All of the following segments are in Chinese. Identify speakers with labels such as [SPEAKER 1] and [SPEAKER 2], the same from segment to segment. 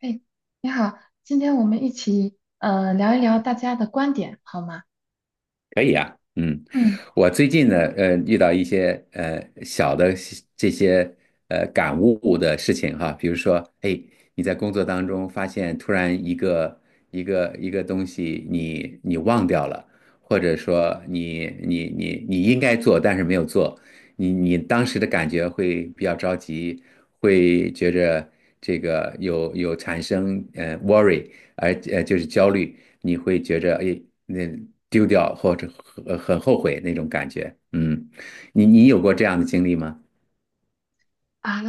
[SPEAKER 1] 哎，你好，今天我们一起聊一聊大家的观点，好吗？
[SPEAKER 2] 嗯，
[SPEAKER 1] 嗯
[SPEAKER 2] 我最近呢，遇到一些小的西这些感悟的事情哈。比如说，哎，你在工作当中发现突然一个东西你忘掉了，或者说你应该做但是没有做，你当时的感觉会比较着急，会觉着这个有产生worry。就是焦虑，你会觉着哎那丢掉或者很后悔那种感觉。嗯，你有过这样的经历吗？
[SPEAKER 1] 啊，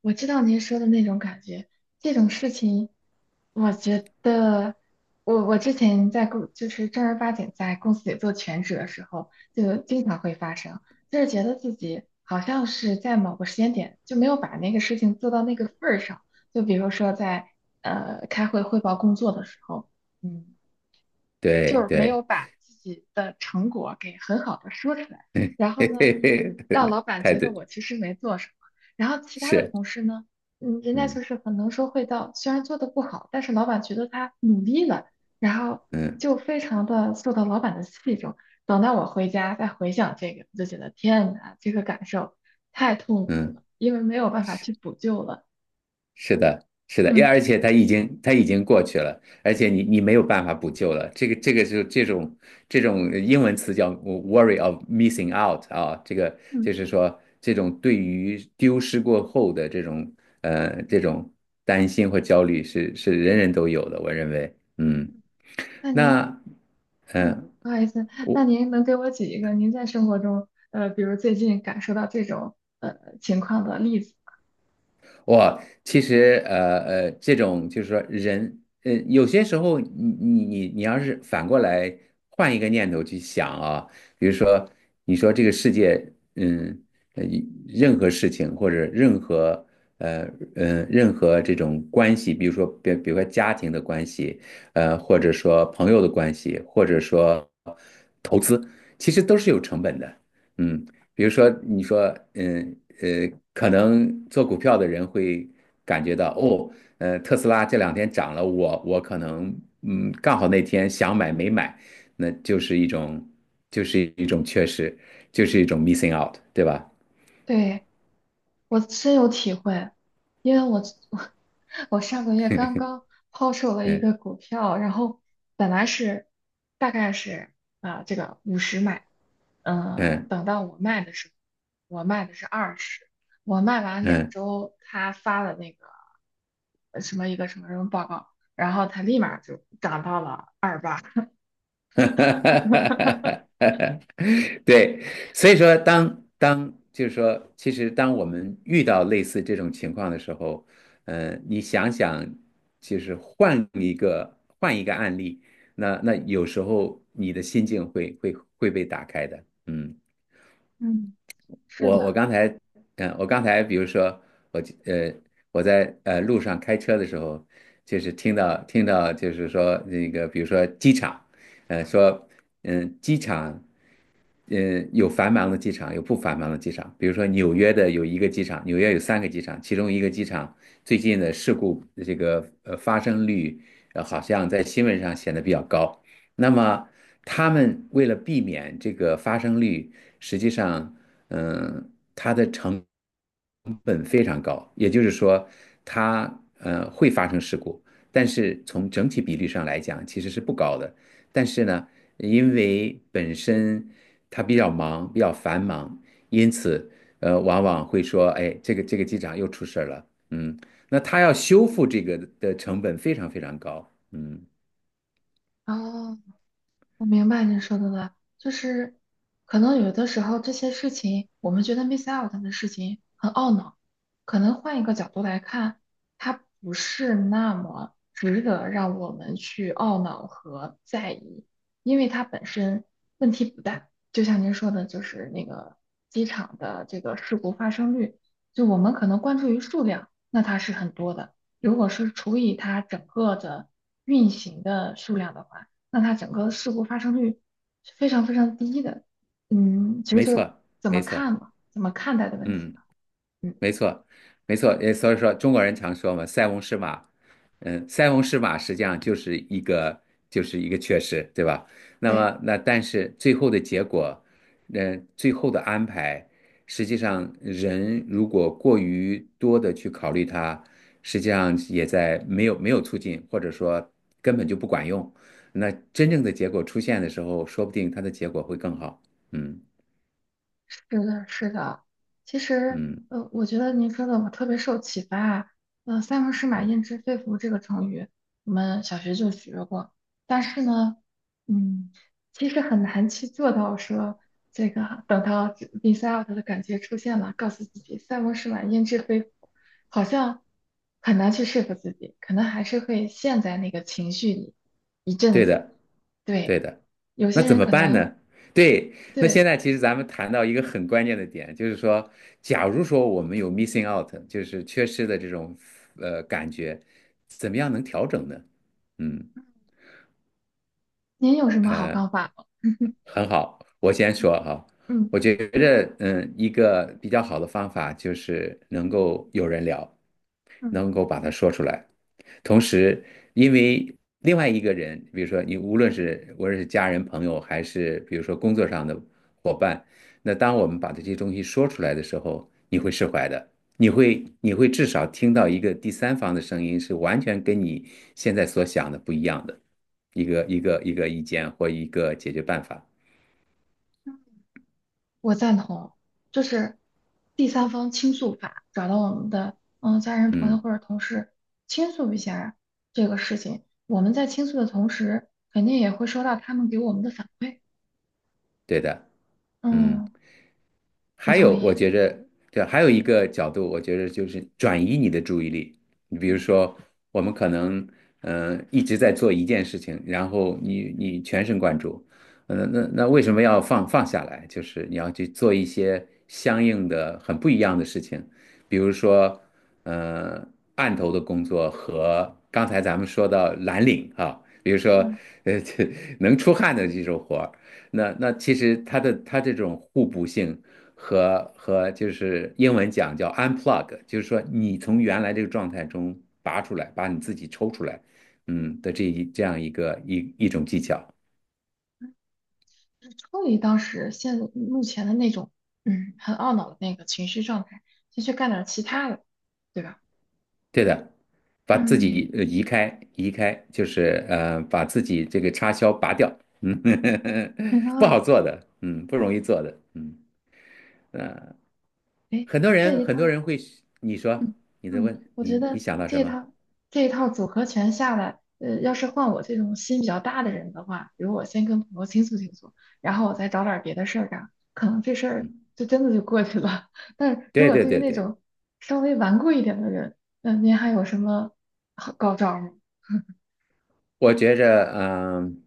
[SPEAKER 1] 我知道您说的那种感觉，这种事情，我觉得我之前就是正儿八经在公司里做全职的时候，就经常会发生，就是觉得自己好像是在某个时间点就没有把那个事情做到那个份儿上，就比如说在开会汇报工作的时候，嗯。
[SPEAKER 2] 对
[SPEAKER 1] 就是没
[SPEAKER 2] 对，
[SPEAKER 1] 有把自己的成果给很好的说出来，然 后
[SPEAKER 2] 嘿
[SPEAKER 1] 呢，
[SPEAKER 2] 嘿嘿，
[SPEAKER 1] 让老板
[SPEAKER 2] 太
[SPEAKER 1] 觉得
[SPEAKER 2] 对，
[SPEAKER 1] 我其实没做什么，然后其他的
[SPEAKER 2] 是，
[SPEAKER 1] 同事呢，嗯，人家
[SPEAKER 2] 嗯
[SPEAKER 1] 就是很能说会道，虽然做的不好，但是老板觉得他，嗯，然后
[SPEAKER 2] 嗯
[SPEAKER 1] 就非常的受到老板的器重。等到我回家再回想这个，我就觉得天哪，这个感受太痛苦
[SPEAKER 2] 嗯。
[SPEAKER 1] 了，因为没有办法去补救了。
[SPEAKER 2] 是的，是的，
[SPEAKER 1] 嗯
[SPEAKER 2] 而且它已经过去了，而且你没有办法补救了。这个是这种这种英文词叫 worry of missing out 啊。这个
[SPEAKER 1] 嗯，
[SPEAKER 2] 就是说这种对于丢失过后的这种这种担心或焦虑是人人都有的，我认为。嗯，
[SPEAKER 1] 那您？
[SPEAKER 2] 那嗯、
[SPEAKER 1] 嗯，
[SPEAKER 2] 呃
[SPEAKER 1] 不好意思，
[SPEAKER 2] 我
[SPEAKER 1] 那您能给我举一个您在生活中，比如最近感受到这种情况的例子？
[SPEAKER 2] 哇，其实这种就是说人，呃，有些时候你要是反过来换一个念头去想啊。比如说你说这个世界，嗯，呃任何事情或者任何呃任何这种关系，比如说比如说家庭的关系，呃，或者说朋友的关系，或者说投资，其实都是有成本的。嗯，比如说，你说，可能做股票的人会感觉到，哦，呃，特斯拉这两天涨了，我可能，嗯，刚好那天想买没买，那就是一种，就是一种缺失，就是一种 missing out,对吧？
[SPEAKER 1] 对，我深有体会，因为我 我上个月刚刚抛售了一
[SPEAKER 2] 嗯
[SPEAKER 1] 个股票，然后本来是大概是这个50买，
[SPEAKER 2] 嗯
[SPEAKER 1] 等到我卖的时候，我卖的是20，我卖完两
[SPEAKER 2] 嗯。
[SPEAKER 1] 周，他发了那个什么一个什么什么报告，然后他立马就涨到了28。
[SPEAKER 2] 哈，对，所以说当就是说，其实当我们遇到类似这种情况的时候，呃，你想想，其实换一个案例，那那有时候你的心境会会被打开的。嗯，
[SPEAKER 1] 嗯，是
[SPEAKER 2] 我
[SPEAKER 1] 的，
[SPEAKER 2] 刚才，嗯，我刚才比如说我呃我在路上开车的时候，就是听到就是说那个比如说机场，呃说嗯机场。嗯，有繁忙的机场，有不繁忙的机场。比如说纽约的有一个机场，纽约有三个机场，其中一个机场最近的事故这个发生率，呃好像在新闻上显得比较高。那么他们为了避免这个发生率，实际上，它的成本非常高，也就是说，它会发生事故，但是从整体比率上来讲，其实是不高的。但是呢，因为本身他比较忙，比较繁忙，因此呃，往往会说，哎，这个机长又出事儿了。嗯，那他要修复这个的成本非常非常高。嗯，
[SPEAKER 1] 啊，我明白您说的了，就是可能有的时候这些事情，我们觉得 miss out 的事情很懊恼，可能换一个角度来看，它不是那么值得让我们去懊恼和在意，因为它本身问题不大。就像您说的，就是那个机场的这个事故发生率，就我们可能关注于数量，那它是很多的，如果是除以它整个的运行的数量的话。那它整个事故发生率是非常非常低的。嗯，其实
[SPEAKER 2] 没
[SPEAKER 1] 就是
[SPEAKER 2] 错，
[SPEAKER 1] 怎么
[SPEAKER 2] 没错，
[SPEAKER 1] 看嘛，怎么看待的问题
[SPEAKER 2] 嗯。
[SPEAKER 1] 吧。嗯，
[SPEAKER 2] 没错，没错，也所以说中国人常说嘛，"塞翁失马"。嗯，"塞翁失马"实际上就是一个缺失，对吧？那
[SPEAKER 1] 对。
[SPEAKER 2] 么但是最后的结果，最后的安排，实际上人如果过于多的去考虑它，实际上也在没有促进，或者说根本就不管用。那真正的结果出现的时候，说不定它的结果会更好。嗯
[SPEAKER 1] 是的，是的。其实，
[SPEAKER 2] 嗯
[SPEAKER 1] 我觉得您说的我特别受启发。“塞翁失马，
[SPEAKER 2] 嗯。
[SPEAKER 1] 焉知非福”这个成语，我们小学就学过。但是呢，嗯，其实很难去做到说这个等到 miss out 的感觉出现了，告诉自己“塞翁失马，焉知非福”，好像很难去说服自己，可能还是会陷在那个情绪里一阵
[SPEAKER 2] 对
[SPEAKER 1] 子。
[SPEAKER 2] 的，对
[SPEAKER 1] 对，
[SPEAKER 2] 的。
[SPEAKER 1] 有
[SPEAKER 2] 那
[SPEAKER 1] 些
[SPEAKER 2] 怎
[SPEAKER 1] 人
[SPEAKER 2] 么
[SPEAKER 1] 可
[SPEAKER 2] 办
[SPEAKER 1] 能
[SPEAKER 2] 呢？对，那现
[SPEAKER 1] 对。
[SPEAKER 2] 在其实咱们谈到一个很关键的点，就是说，假如说我们有 missing out,就是缺失的这种感觉，怎么样能调整呢？嗯。
[SPEAKER 1] 您有什么好
[SPEAKER 2] 呃。
[SPEAKER 1] 方法吗？
[SPEAKER 2] 很好，我先说哈。
[SPEAKER 1] 嗯，
[SPEAKER 2] 我觉着，嗯，一个比较好的方法就是能够有人聊，
[SPEAKER 1] 嗯
[SPEAKER 2] 能够把它说出来。同时，因为另外一个人，比如说你无论是家人、朋友，还是比如说工作上的伙伴，那当我们把这些东西说出来的时候，你会释怀的，你会至少听到一个第三方的声音，是完全跟你现在所想的不一样的一个意见或一个解决办法。
[SPEAKER 1] 嗯我赞同，就是第三方倾诉法，找到我们的嗯家人、朋友
[SPEAKER 2] 嗯，
[SPEAKER 1] 或者同事倾诉一下这个事情。我们在倾诉的同时，肯定也会收到他们给我们的反馈。
[SPEAKER 2] 对的。嗯，
[SPEAKER 1] 嗯，我
[SPEAKER 2] 还
[SPEAKER 1] 同
[SPEAKER 2] 有，
[SPEAKER 1] 意。
[SPEAKER 2] 我觉着，对，还有一个角度，我觉着就是转移你的注意力。你比如
[SPEAKER 1] 嗯
[SPEAKER 2] 说，我们可能，一直在做一件事情，然后你全神贯注。那那为什么要放下来？就是你要去做一些相应的很不一样的事情。比如说，呃，案头的工作和刚才咱们说到蓝领啊，比如说，
[SPEAKER 1] 嗯
[SPEAKER 2] 呃，能出汗的这种活。那那其实它这种互补性和就是英文讲叫 unplug,就是说你从原来这个状态中拔出来，把你自己抽出来。这这样一个一种技巧。
[SPEAKER 1] 就是抽离当时现目前的那种，嗯，很懊恼的那个情绪状态，先去干点其他的，对吧？
[SPEAKER 2] 对的，把自
[SPEAKER 1] 嗯，
[SPEAKER 2] 己移开移开，就是把自己这个插销拔掉。嗯，
[SPEAKER 1] 然
[SPEAKER 2] 不
[SPEAKER 1] 后，
[SPEAKER 2] 好做的，嗯，不容易做的。嗯，
[SPEAKER 1] 哎，这一套
[SPEAKER 2] 很多人会，你
[SPEAKER 1] 嗯
[SPEAKER 2] 说你在
[SPEAKER 1] 嗯，
[SPEAKER 2] 问
[SPEAKER 1] 我
[SPEAKER 2] 你
[SPEAKER 1] 觉
[SPEAKER 2] 你
[SPEAKER 1] 得
[SPEAKER 2] 想到
[SPEAKER 1] 这
[SPEAKER 2] 什
[SPEAKER 1] 一
[SPEAKER 2] 么？
[SPEAKER 1] 套这一套组合拳下来，要是换我这种心比较大的人的话，比如我先跟朋友倾诉倾诉，然后我再找点儿别的事儿干，可能这事儿就真的就过去了。但是如
[SPEAKER 2] 对
[SPEAKER 1] 果
[SPEAKER 2] 对
[SPEAKER 1] 对于
[SPEAKER 2] 对
[SPEAKER 1] 那
[SPEAKER 2] 对。
[SPEAKER 1] 种稍微顽固一点的人，那您还有什么好高招吗？
[SPEAKER 2] 我觉着，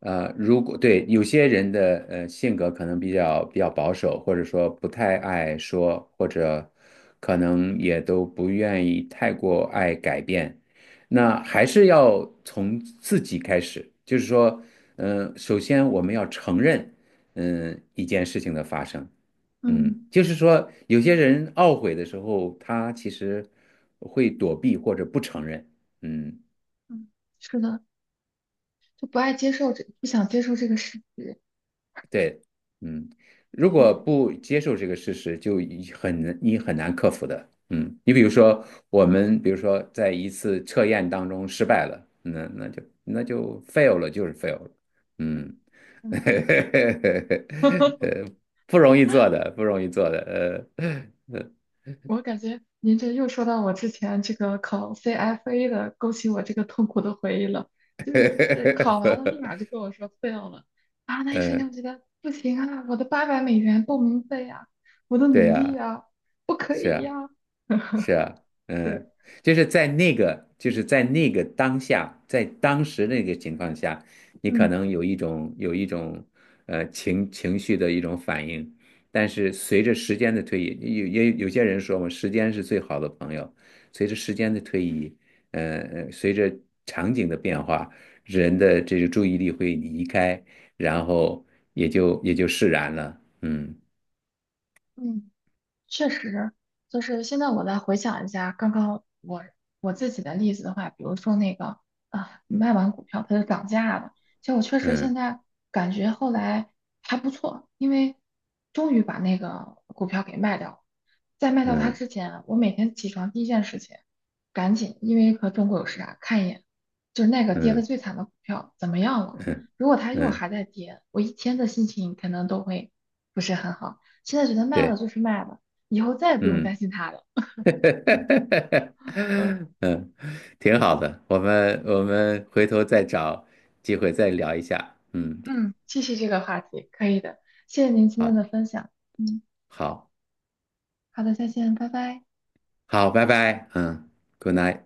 [SPEAKER 2] 呃，如果对有些人的性格可能比较保守，或者说不太爱说，或者可能也都不愿意太过爱改变，那还是要从自己开始，就是说，首先我们要承认,一件事情的发生。
[SPEAKER 1] 嗯
[SPEAKER 2] 嗯，就是说有些人懊悔的时候，他其实会躲避或者不承认。嗯。
[SPEAKER 1] 嗯，是的，就不爱接受这，不想接受这个事实，
[SPEAKER 2] 对，嗯，如
[SPEAKER 1] 确
[SPEAKER 2] 果
[SPEAKER 1] 实，
[SPEAKER 2] 不接受这个事实，就很难，你很难克服的。嗯，你比如说，我们比如说在一次测验当中失败了，那那就 fail 了，就是 fail 了。嗯，呃，不容易做的，不容易做的。呃，
[SPEAKER 1] 我感觉您这又说到我之前这个考 CFA 的，勾起我这个痛苦的回忆了。就是这考完了，立
[SPEAKER 2] 呃，
[SPEAKER 1] 马就跟我说 fail 了啊！那一瞬间
[SPEAKER 2] 呃，
[SPEAKER 1] 我觉得不行啊，我的800美元报名费呀、我的
[SPEAKER 2] 对
[SPEAKER 1] 努力
[SPEAKER 2] 呀，
[SPEAKER 1] 呀、不可
[SPEAKER 2] 是
[SPEAKER 1] 以
[SPEAKER 2] 啊。
[SPEAKER 1] 呀、
[SPEAKER 2] 是啊，
[SPEAKER 1] 是，
[SPEAKER 2] 嗯，就是在那个，就是在那个当下，在当时那个情况下，你可
[SPEAKER 1] 嗯
[SPEAKER 2] 能有一种有一种情绪的一种反应，但是随着时间的推移，也有些人说嘛，时间是最好的朋友。随着时间的推移，随着场景的变化，人的这个注意力会离开，然后也就释然了。嗯
[SPEAKER 1] 嗯。确实，就是现在我再回想一下刚刚我自己的例子的话，比如说那个啊，卖完股票它就涨价了，其实我确实现
[SPEAKER 2] 嗯
[SPEAKER 1] 在感觉后来还不错，因为终于把那个股票给卖掉了。在卖掉它
[SPEAKER 2] 嗯
[SPEAKER 1] 之前，我每天起床第一件事情，赶紧因为和中国有时差看一眼，就是那个跌得
[SPEAKER 2] 嗯
[SPEAKER 1] 最惨的股票怎么样了？
[SPEAKER 2] 嗯
[SPEAKER 1] 如果它又
[SPEAKER 2] 嗯，
[SPEAKER 1] 还在跌，我一天的心情可能都会不是很好。现在觉得卖了
[SPEAKER 2] 对，
[SPEAKER 1] 就是卖了。以后再也不用担
[SPEAKER 2] 嗯。
[SPEAKER 1] 心他了。嗯
[SPEAKER 2] 嗯，挺好的，我们回头再找机会再聊一下。嗯，
[SPEAKER 1] 嗯，继续这个话题，可以的。谢谢您今天
[SPEAKER 2] 好，
[SPEAKER 1] 的分享。嗯，
[SPEAKER 2] 好，
[SPEAKER 1] 好的，再见，拜拜。
[SPEAKER 2] 好，拜拜。嗯，good night。